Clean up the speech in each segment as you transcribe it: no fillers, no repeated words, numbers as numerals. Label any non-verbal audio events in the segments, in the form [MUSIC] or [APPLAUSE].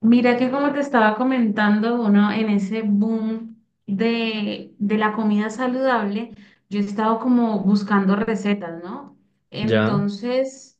Mira que como te estaba comentando, uno en ese boom de la comida saludable, yo he estado como buscando recetas, ¿no? Ya, Entonces,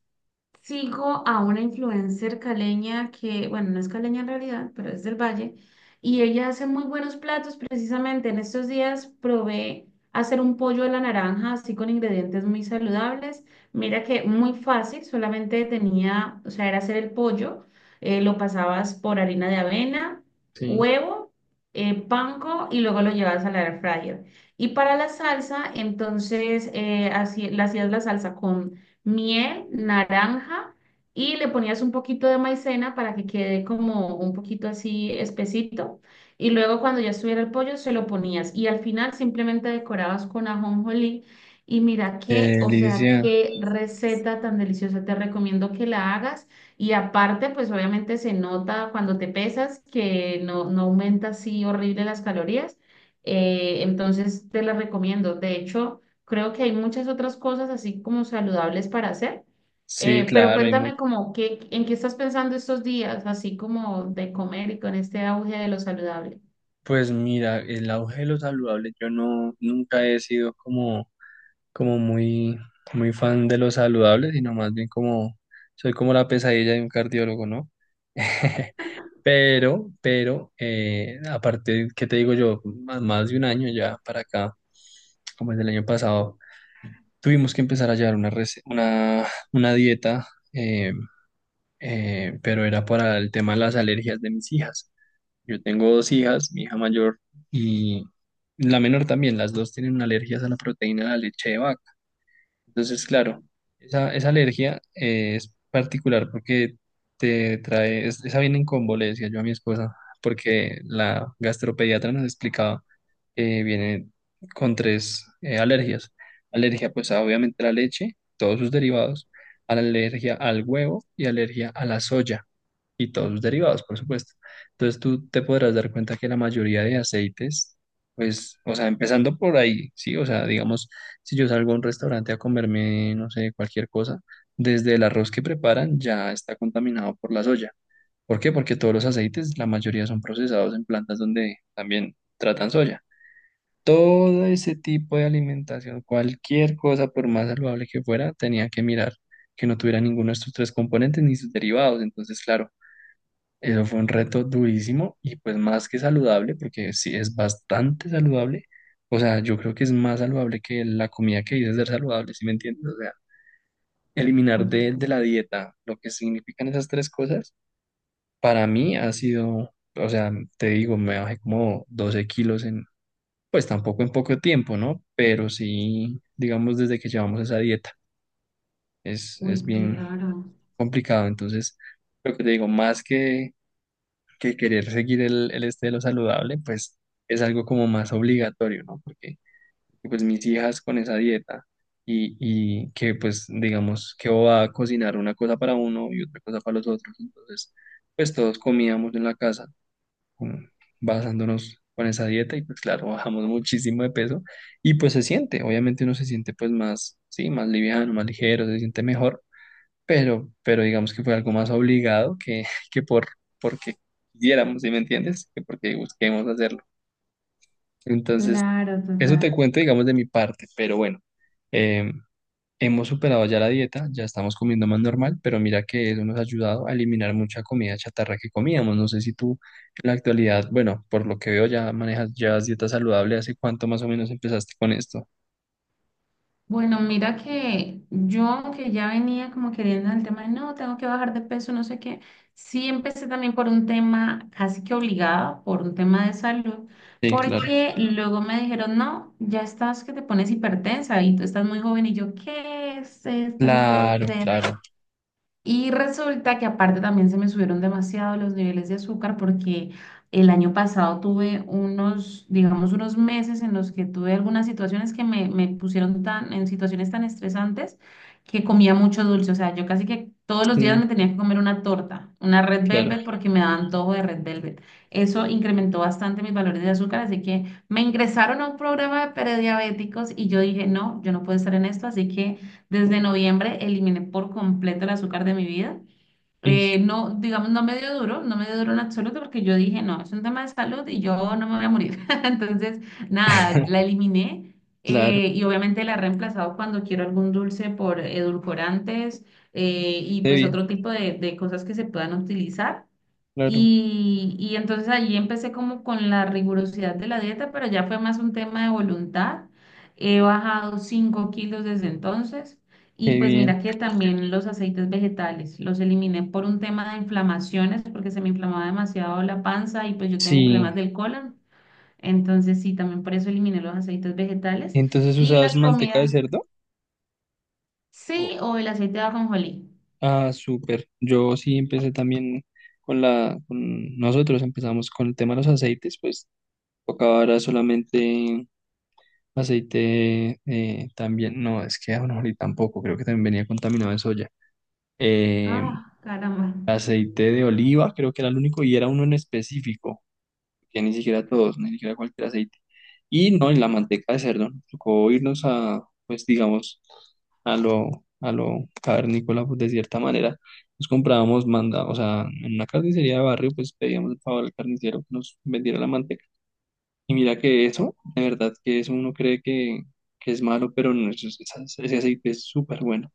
Sigo a una influencer caleña que, bueno, no es caleña en realidad, pero es del Valle, y ella hace muy buenos platos. Precisamente en estos días probé hacer un pollo a la naranja, así con ingredientes muy saludables. Mira que muy fácil, solamente tenía, o sea, era hacer el pollo, lo pasabas por harina de avena, sí. huevo, panko y luego lo llevabas al air fryer. Y para la salsa, entonces, así, le hacías la salsa con miel, naranja y le ponías un poquito de maicena para que quede como un poquito así espesito. Y luego cuando ya estuviera el pollo se lo ponías y al final simplemente decorabas con ajonjolí. Y mira qué, o sea, Licia, qué receta tan deliciosa. Te recomiendo que la hagas. Y aparte, pues obviamente se nota cuando te pesas que no aumenta así horrible las calorías. Entonces te la recomiendo. De hecho, creo que hay muchas otras cosas así como saludables para hacer. sí, Pero claro, hay mucho. cuéntame como qué, en qué estás pensando estos días, así como de comer y con este auge de lo saludable. Pues mira, el auge de lo saludable, yo no, nunca he sido como muy, muy fan de lo saludable, sino más bien como, soy como la pesadilla de un cardiólogo, ¿no? [LAUGHS] Pero, aparte, ¿qué te digo yo? Más de un año ya para acá, como el del año pasado, tuvimos que empezar a llevar una dieta. eh, pero era para el tema de las alergias de mis hijas. Yo tengo dos hijas, mi hija mayor y la menor también, las dos tienen alergias a la proteína de la leche de vaca. Entonces, claro, esa alergia es particular porque te trae, esa viene en combo, le decía yo a mi esposa, porque la gastropediatra nos explicaba que viene con tres alergias. Alergia, pues obviamente a la leche, todos sus derivados, a la alergia al huevo y alergia a la soya y todos los derivados, por supuesto. Entonces tú te podrás dar cuenta que la mayoría de aceites, pues, o sea, empezando por ahí, ¿sí? O sea, digamos, si yo salgo a un restaurante a comerme, no sé, cualquier cosa, desde el arroz que preparan ya está contaminado por la soya. ¿Por qué? Porque todos los aceites, la mayoría son procesados en plantas donde también tratan soya. Todo ese tipo de alimentación, cualquier cosa, por más saludable que fuera, tenía que mirar que no tuviera ninguno de estos tres componentes ni sus derivados. Entonces, claro. Eso fue un reto durísimo y pues más que saludable, porque sí es bastante saludable. O sea, yo creo que es más saludable que la comida que dices ser saludable, ¿sí me entiendes? O sea, eliminar Uy, de la dieta lo que significan esas tres cosas, para mí ha sido, o sea, te digo, me bajé como 12 kilos en, pues tampoco en poco tiempo, ¿no? Pero sí, digamos, desde que llevamos esa dieta, es, uy, es bien claro, complicado. Entonces, lo que te digo, más que querer seguir el este de lo saludable, pues es algo como más obligatorio, ¿no? Porque pues mis hijas con esa dieta y que pues digamos que va a cocinar una cosa para uno y otra cosa para los otros, entonces pues todos comíamos en la casa con- basándonos con esa dieta y pues claro, bajamos muchísimo de peso y pues se siente, obviamente uno se siente pues más, sí, más liviano, más ligero, se siente mejor pero digamos que fue algo más obligado que, [LAUGHS] que porque quisiéramos, ¿sí me entiendes? Que porque busquemos hacerlo. Entonces, claro, eso te total. cuento, digamos, de mi parte, pero bueno, eh, hemos superado ya la dieta, ya estamos comiendo más normal, pero mira que eso nos ha ayudado a eliminar mucha comida chatarra que comíamos. No sé si tú en la actualidad, bueno, por lo que veo ya manejas, llevas dieta saludable, ¿hace cuánto más o menos empezaste con esto? Bueno, mira que yo, aunque ya venía como queriendo el tema de no, tengo que bajar de peso, no sé qué, sí empecé también por un tema casi que obligado, por un tema de salud, Sí, claro. porque luego me dijeron, no, ya estás que te pones hipertensa y tú estás muy joven y yo, ¿qué es esto? No puede Claro, ser. claro. Y resulta que aparte también se me subieron demasiado los niveles de azúcar porque el año pasado tuve unos, digamos, unos meses en los que tuve algunas situaciones que me pusieron tan, en situaciones tan estresantes que comía mucho dulce. O sea, yo casi que todos los días me Sí, tenía que comer una torta, una Red claro. Velvet porque me daba antojo de Red Velvet. Eso incrementó bastante mis valores de azúcar, así que me ingresaron a un programa de prediabéticos y yo dije, no, yo no puedo estar en esto, así que... Desde noviembre eliminé por completo el azúcar de mi vida. Y, No, digamos, no me dio duro, no me dio duro en absoluto porque yo dije, no, es un tema de salud y yo no me voy a morir. [LAUGHS] Entonces, nada, la [LAUGHS] eliminé claro, y obviamente la he reemplazado cuando quiero algún dulce por edulcorantes y pues debía, otro tipo de cosas que se puedan utilizar. claro. Y entonces allí empecé como con la rigurosidad de la dieta, pero ya fue más un tema de voluntad. He bajado 5 kilos desde entonces y Qué pues bien. mira que también los aceites vegetales los eliminé por un tema de inflamaciones porque se me inflamaba demasiado la panza y pues yo tengo Sí. problemas del colon. Entonces sí, también por eso eliminé los aceites vegetales Entonces y usabas las manteca de comidas. cerdo. Oh. Sí, o el aceite de ajonjolí. Ah, súper. Yo sí empecé también con nosotros empezamos con el tema de los aceites, pues tocaba ahora solamente aceite también. No, es que ahorita tampoco, creo que también venía contaminado de soya. Eh, Ah, caramba. Aceite de oliva, creo que era el único y era uno en específico. Que ni siquiera todos, ni siquiera cualquier aceite. Y no, en la manteca de cerdo, nos tocó irnos a, pues digamos, a lo cavernícola, pues de cierta manera. Nos comprábamos o sea, en una carnicería de barrio, pues pedíamos el favor al carnicero que nos vendiera la manteca. Y mira que eso, de verdad que eso uno cree que es malo, pero no, eso ese aceite es súper bueno.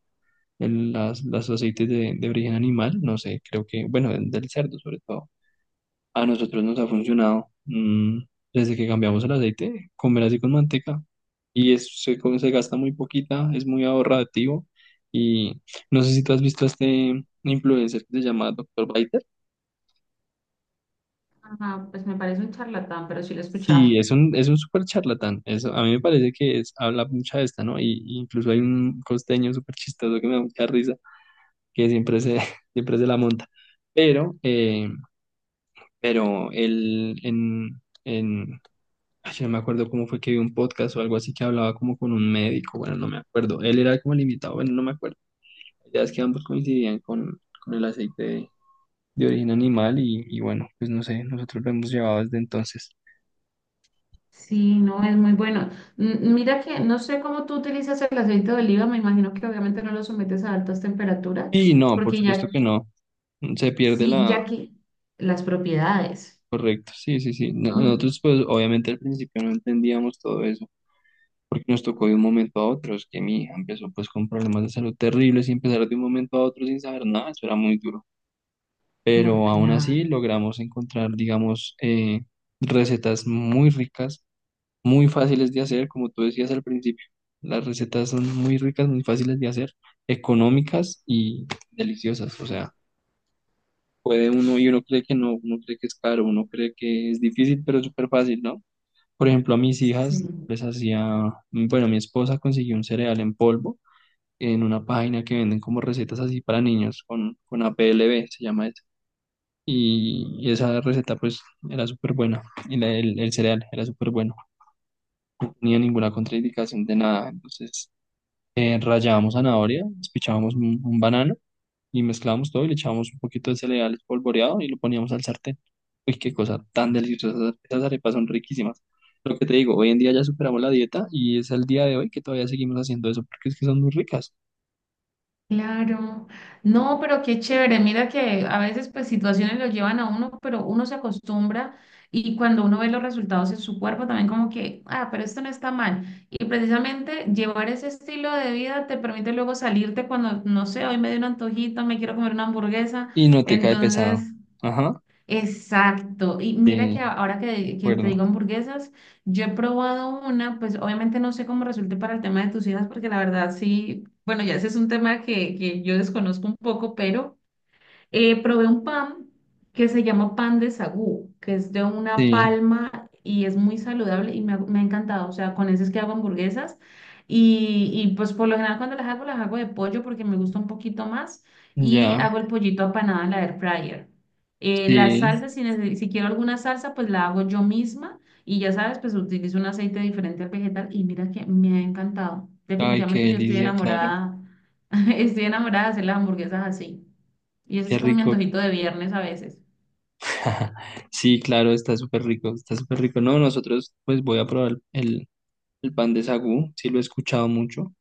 Los aceites de origen animal, no sé, creo que, bueno, del cerdo sobre todo. A nosotros nos ha funcionado desde que cambiamos el aceite, comer así con manteca. Y se gasta muy poquita, es muy ahorrativo. Y no sé si tú has visto a este influencer que se llama Doctor Biter. Ajá, pues me parece un charlatán, pero sí lo he Sí, escuchado. es un súper charlatán. Eso, a mí me parece que es, habla mucha de esta, ¿no? Y incluso hay un costeño súper chistoso que me da mucha risa, que siempre se, [LAUGHS] siempre se la monta. Pero, eh, pero él en, ay, yo no me acuerdo cómo fue que vi un podcast o algo así que hablaba como con un médico, bueno, no me acuerdo. Él era como el invitado, bueno, no me acuerdo. Ya es que ambos coincidían con el aceite de origen animal y bueno, pues no sé, nosotros lo hemos llevado desde entonces. Sí, no, es muy bueno. Mira que no sé cómo tú utilizas el aceite de oliva, me imagino que obviamente no lo sometes a altas temperaturas, Y no, por porque supuesto ya, que no, se pierde sí, la. ya que las propiedades. Correcto, sí, sí, sí. No, Mm, nosotros pues obviamente al principio no entendíamos todo eso, porque nos tocó de un momento a otro, es que mi hija empezó pues con problemas de salud terribles y empezar de un momento a otro sin saber nada, eso era muy duro. no, Pero aún así claro. logramos encontrar, digamos, recetas muy ricas, muy fáciles de hacer, como tú decías al principio. Las recetas son muy ricas, muy fáciles de hacer, económicas y deliciosas. O sea, puede uno y uno cree que no, uno cree que es caro, uno cree que es difícil, pero es súper fácil, ¿no? Por ejemplo, a mis hijas Sí. les hacía, bueno, mi esposa consiguió un cereal en polvo en una página que venden como recetas así para niños con a p l APLV, se llama y esa receta pues era súper buena, y el cereal era súper bueno, no tenía ninguna contraindicación de nada, entonces rallábamos zanahoria, despichábamos un banano y mezclábamos todo y le echábamos un poquito de cereal espolvoreado y lo poníamos al sartén. Uy, qué cosa tan deliciosa, esas arepas son riquísimas. Lo que te digo, hoy en día ya superamos la dieta y es el día de hoy que todavía seguimos haciendo eso porque es que son muy ricas Claro, no, pero qué chévere, mira que a veces pues situaciones lo llevan a uno, pero uno se acostumbra y cuando uno ve los resultados en su cuerpo también como que, ah, pero esto no está mal. Y precisamente llevar ese estilo de vida te permite luego salirte cuando, no sé, hoy me dio un antojito, me quiero comer una hamburguesa, y no te cae pesado. entonces Ajá, exacto. Y mira sí, que ahora de que te acuerdo, digo hamburguesas, yo he probado una, pues obviamente no sé cómo resulte para el tema de tus hijas, porque la verdad sí, bueno, ya ese es un tema que yo desconozco un poco, pero... probé un pan que se llama pan de sagú, que es de una sí, palma y es muy saludable y me ha encantado. O sea, con ese es que hago hamburguesas y pues por lo general cuando las hago de pollo porque me gusta un poquito más y ya, hago el pollito apanado en la air fryer. La sí. salsa, si quiero alguna salsa, pues la hago yo misma y ya sabes, pues utilizo un aceite diferente al vegetal y mira que me ha encantado. Ay, qué Definitivamente yo estoy delicia, claro. enamorada, [LAUGHS] estoy enamorada de hacer las hamburguesas así. Y eso Qué es como mi rico. antojito de viernes a veces. [LAUGHS] Sí, claro, está súper rico, está súper rico. No, nosotros, pues voy a probar el pan de sagú, sí lo he escuchado mucho.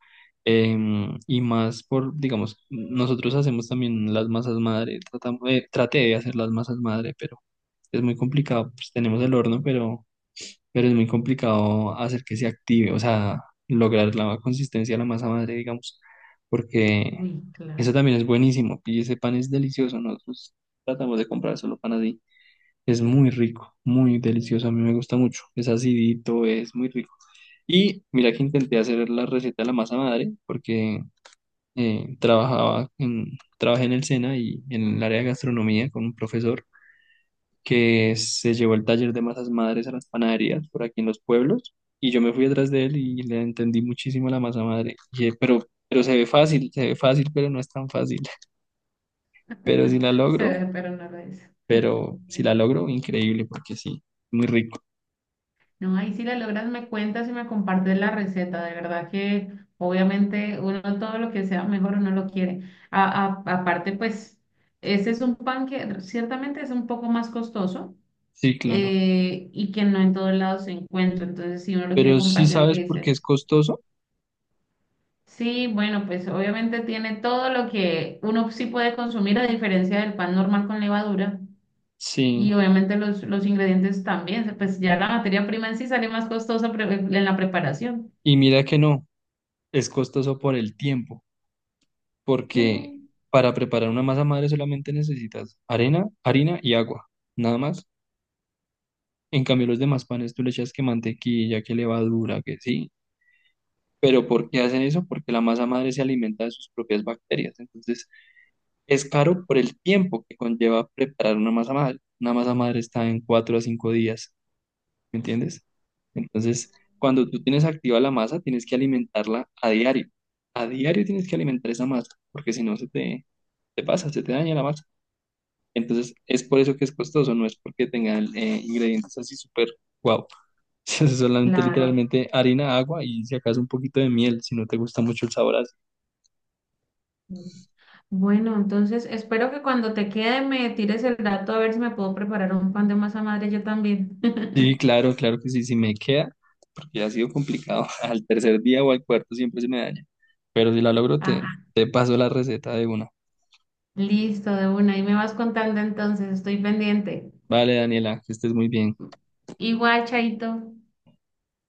Y más por, digamos, nosotros hacemos también las masas madre, traté de hacer las masas madre, pero es muy complicado, pues tenemos el horno, pero, es muy complicado hacer que se active, o sea, lograr la consistencia de la masa madre, digamos, porque Uy, eso claro. también es buenísimo. Y ese pan es delicioso, ¿no? Nosotros tratamos de comprar solo pan así. Es muy rico, muy delicioso. A mí me gusta mucho. Es acidito, es muy rico. Y mira que intenté hacer la receta de la masa madre porque eh, trabajaba en, trabajé en el SENA y en el área de gastronomía con un profesor que se llevó el taller de masas madres a las panaderías por aquí en los pueblos. Y yo me fui detrás de él y le entendí muchísimo la masa madre. Pero se ve fácil, pero no es tan fácil. [LAUGHS] Pero si la [LAUGHS] Se logro. ve, pero no lo es. Pero si la logro, increíble, porque sí, muy rico. No, ahí si la logras me cuentas y me compartes la receta. De verdad que obviamente uno todo lo que sea mejor uno lo quiere. Aparte, pues, ese es un pan que ciertamente es un poco más costoso Sí, claro. Y que no en todos lados se encuentra. Entonces, si uno lo quiere Pero sí compartir, tiene sabes que por qué decir, es costoso. sí, bueno, pues obviamente tiene todo lo que uno sí puede consumir a diferencia del pan normal con levadura. Y Sí, obviamente los ingredientes también, pues ya la materia prima en sí sale más costosa en la preparación. y mira que no, es costoso por el tiempo, porque ¿Qué? para preparar una masa madre solamente necesitas arena, harina y agua, nada más. En cambio, los demás panes tú le echas que mantequilla, que levadura, que sí. Pero ¿por qué hacen eso? Porque la masa madre se alimenta de sus propias bacterias. Entonces, es caro por el tiempo que conlleva preparar una masa madre. Una masa madre está en 4 a 5 días. ¿Me entiendes? Entonces, cuando tú tienes activa la masa, tienes que alimentarla a diario. A diario tienes que alimentar esa masa, porque si no se te, te pasa, se te daña la masa. Entonces, es por eso que es costoso, no es porque tengan ingredientes así súper guau. [LAUGHS] Es solamente Claro. literalmente harina, agua y si acaso un poquito de miel, si no te gusta mucho el sabor así. Bueno, entonces espero que cuando te quede me tires el dato a ver si me puedo preparar un pan de masa madre yo también. Sí, [LAUGHS] claro, claro que sí, sí me queda, porque ha sido complicado. [LAUGHS] Al tercer día o al cuarto siempre se me daña. Pero si la logro, te, Ah, te paso la receta de una. listo, de una. Ahí me vas contando entonces, estoy pendiente. Vale, Daniela, que estés muy bien. Igual, Chaito.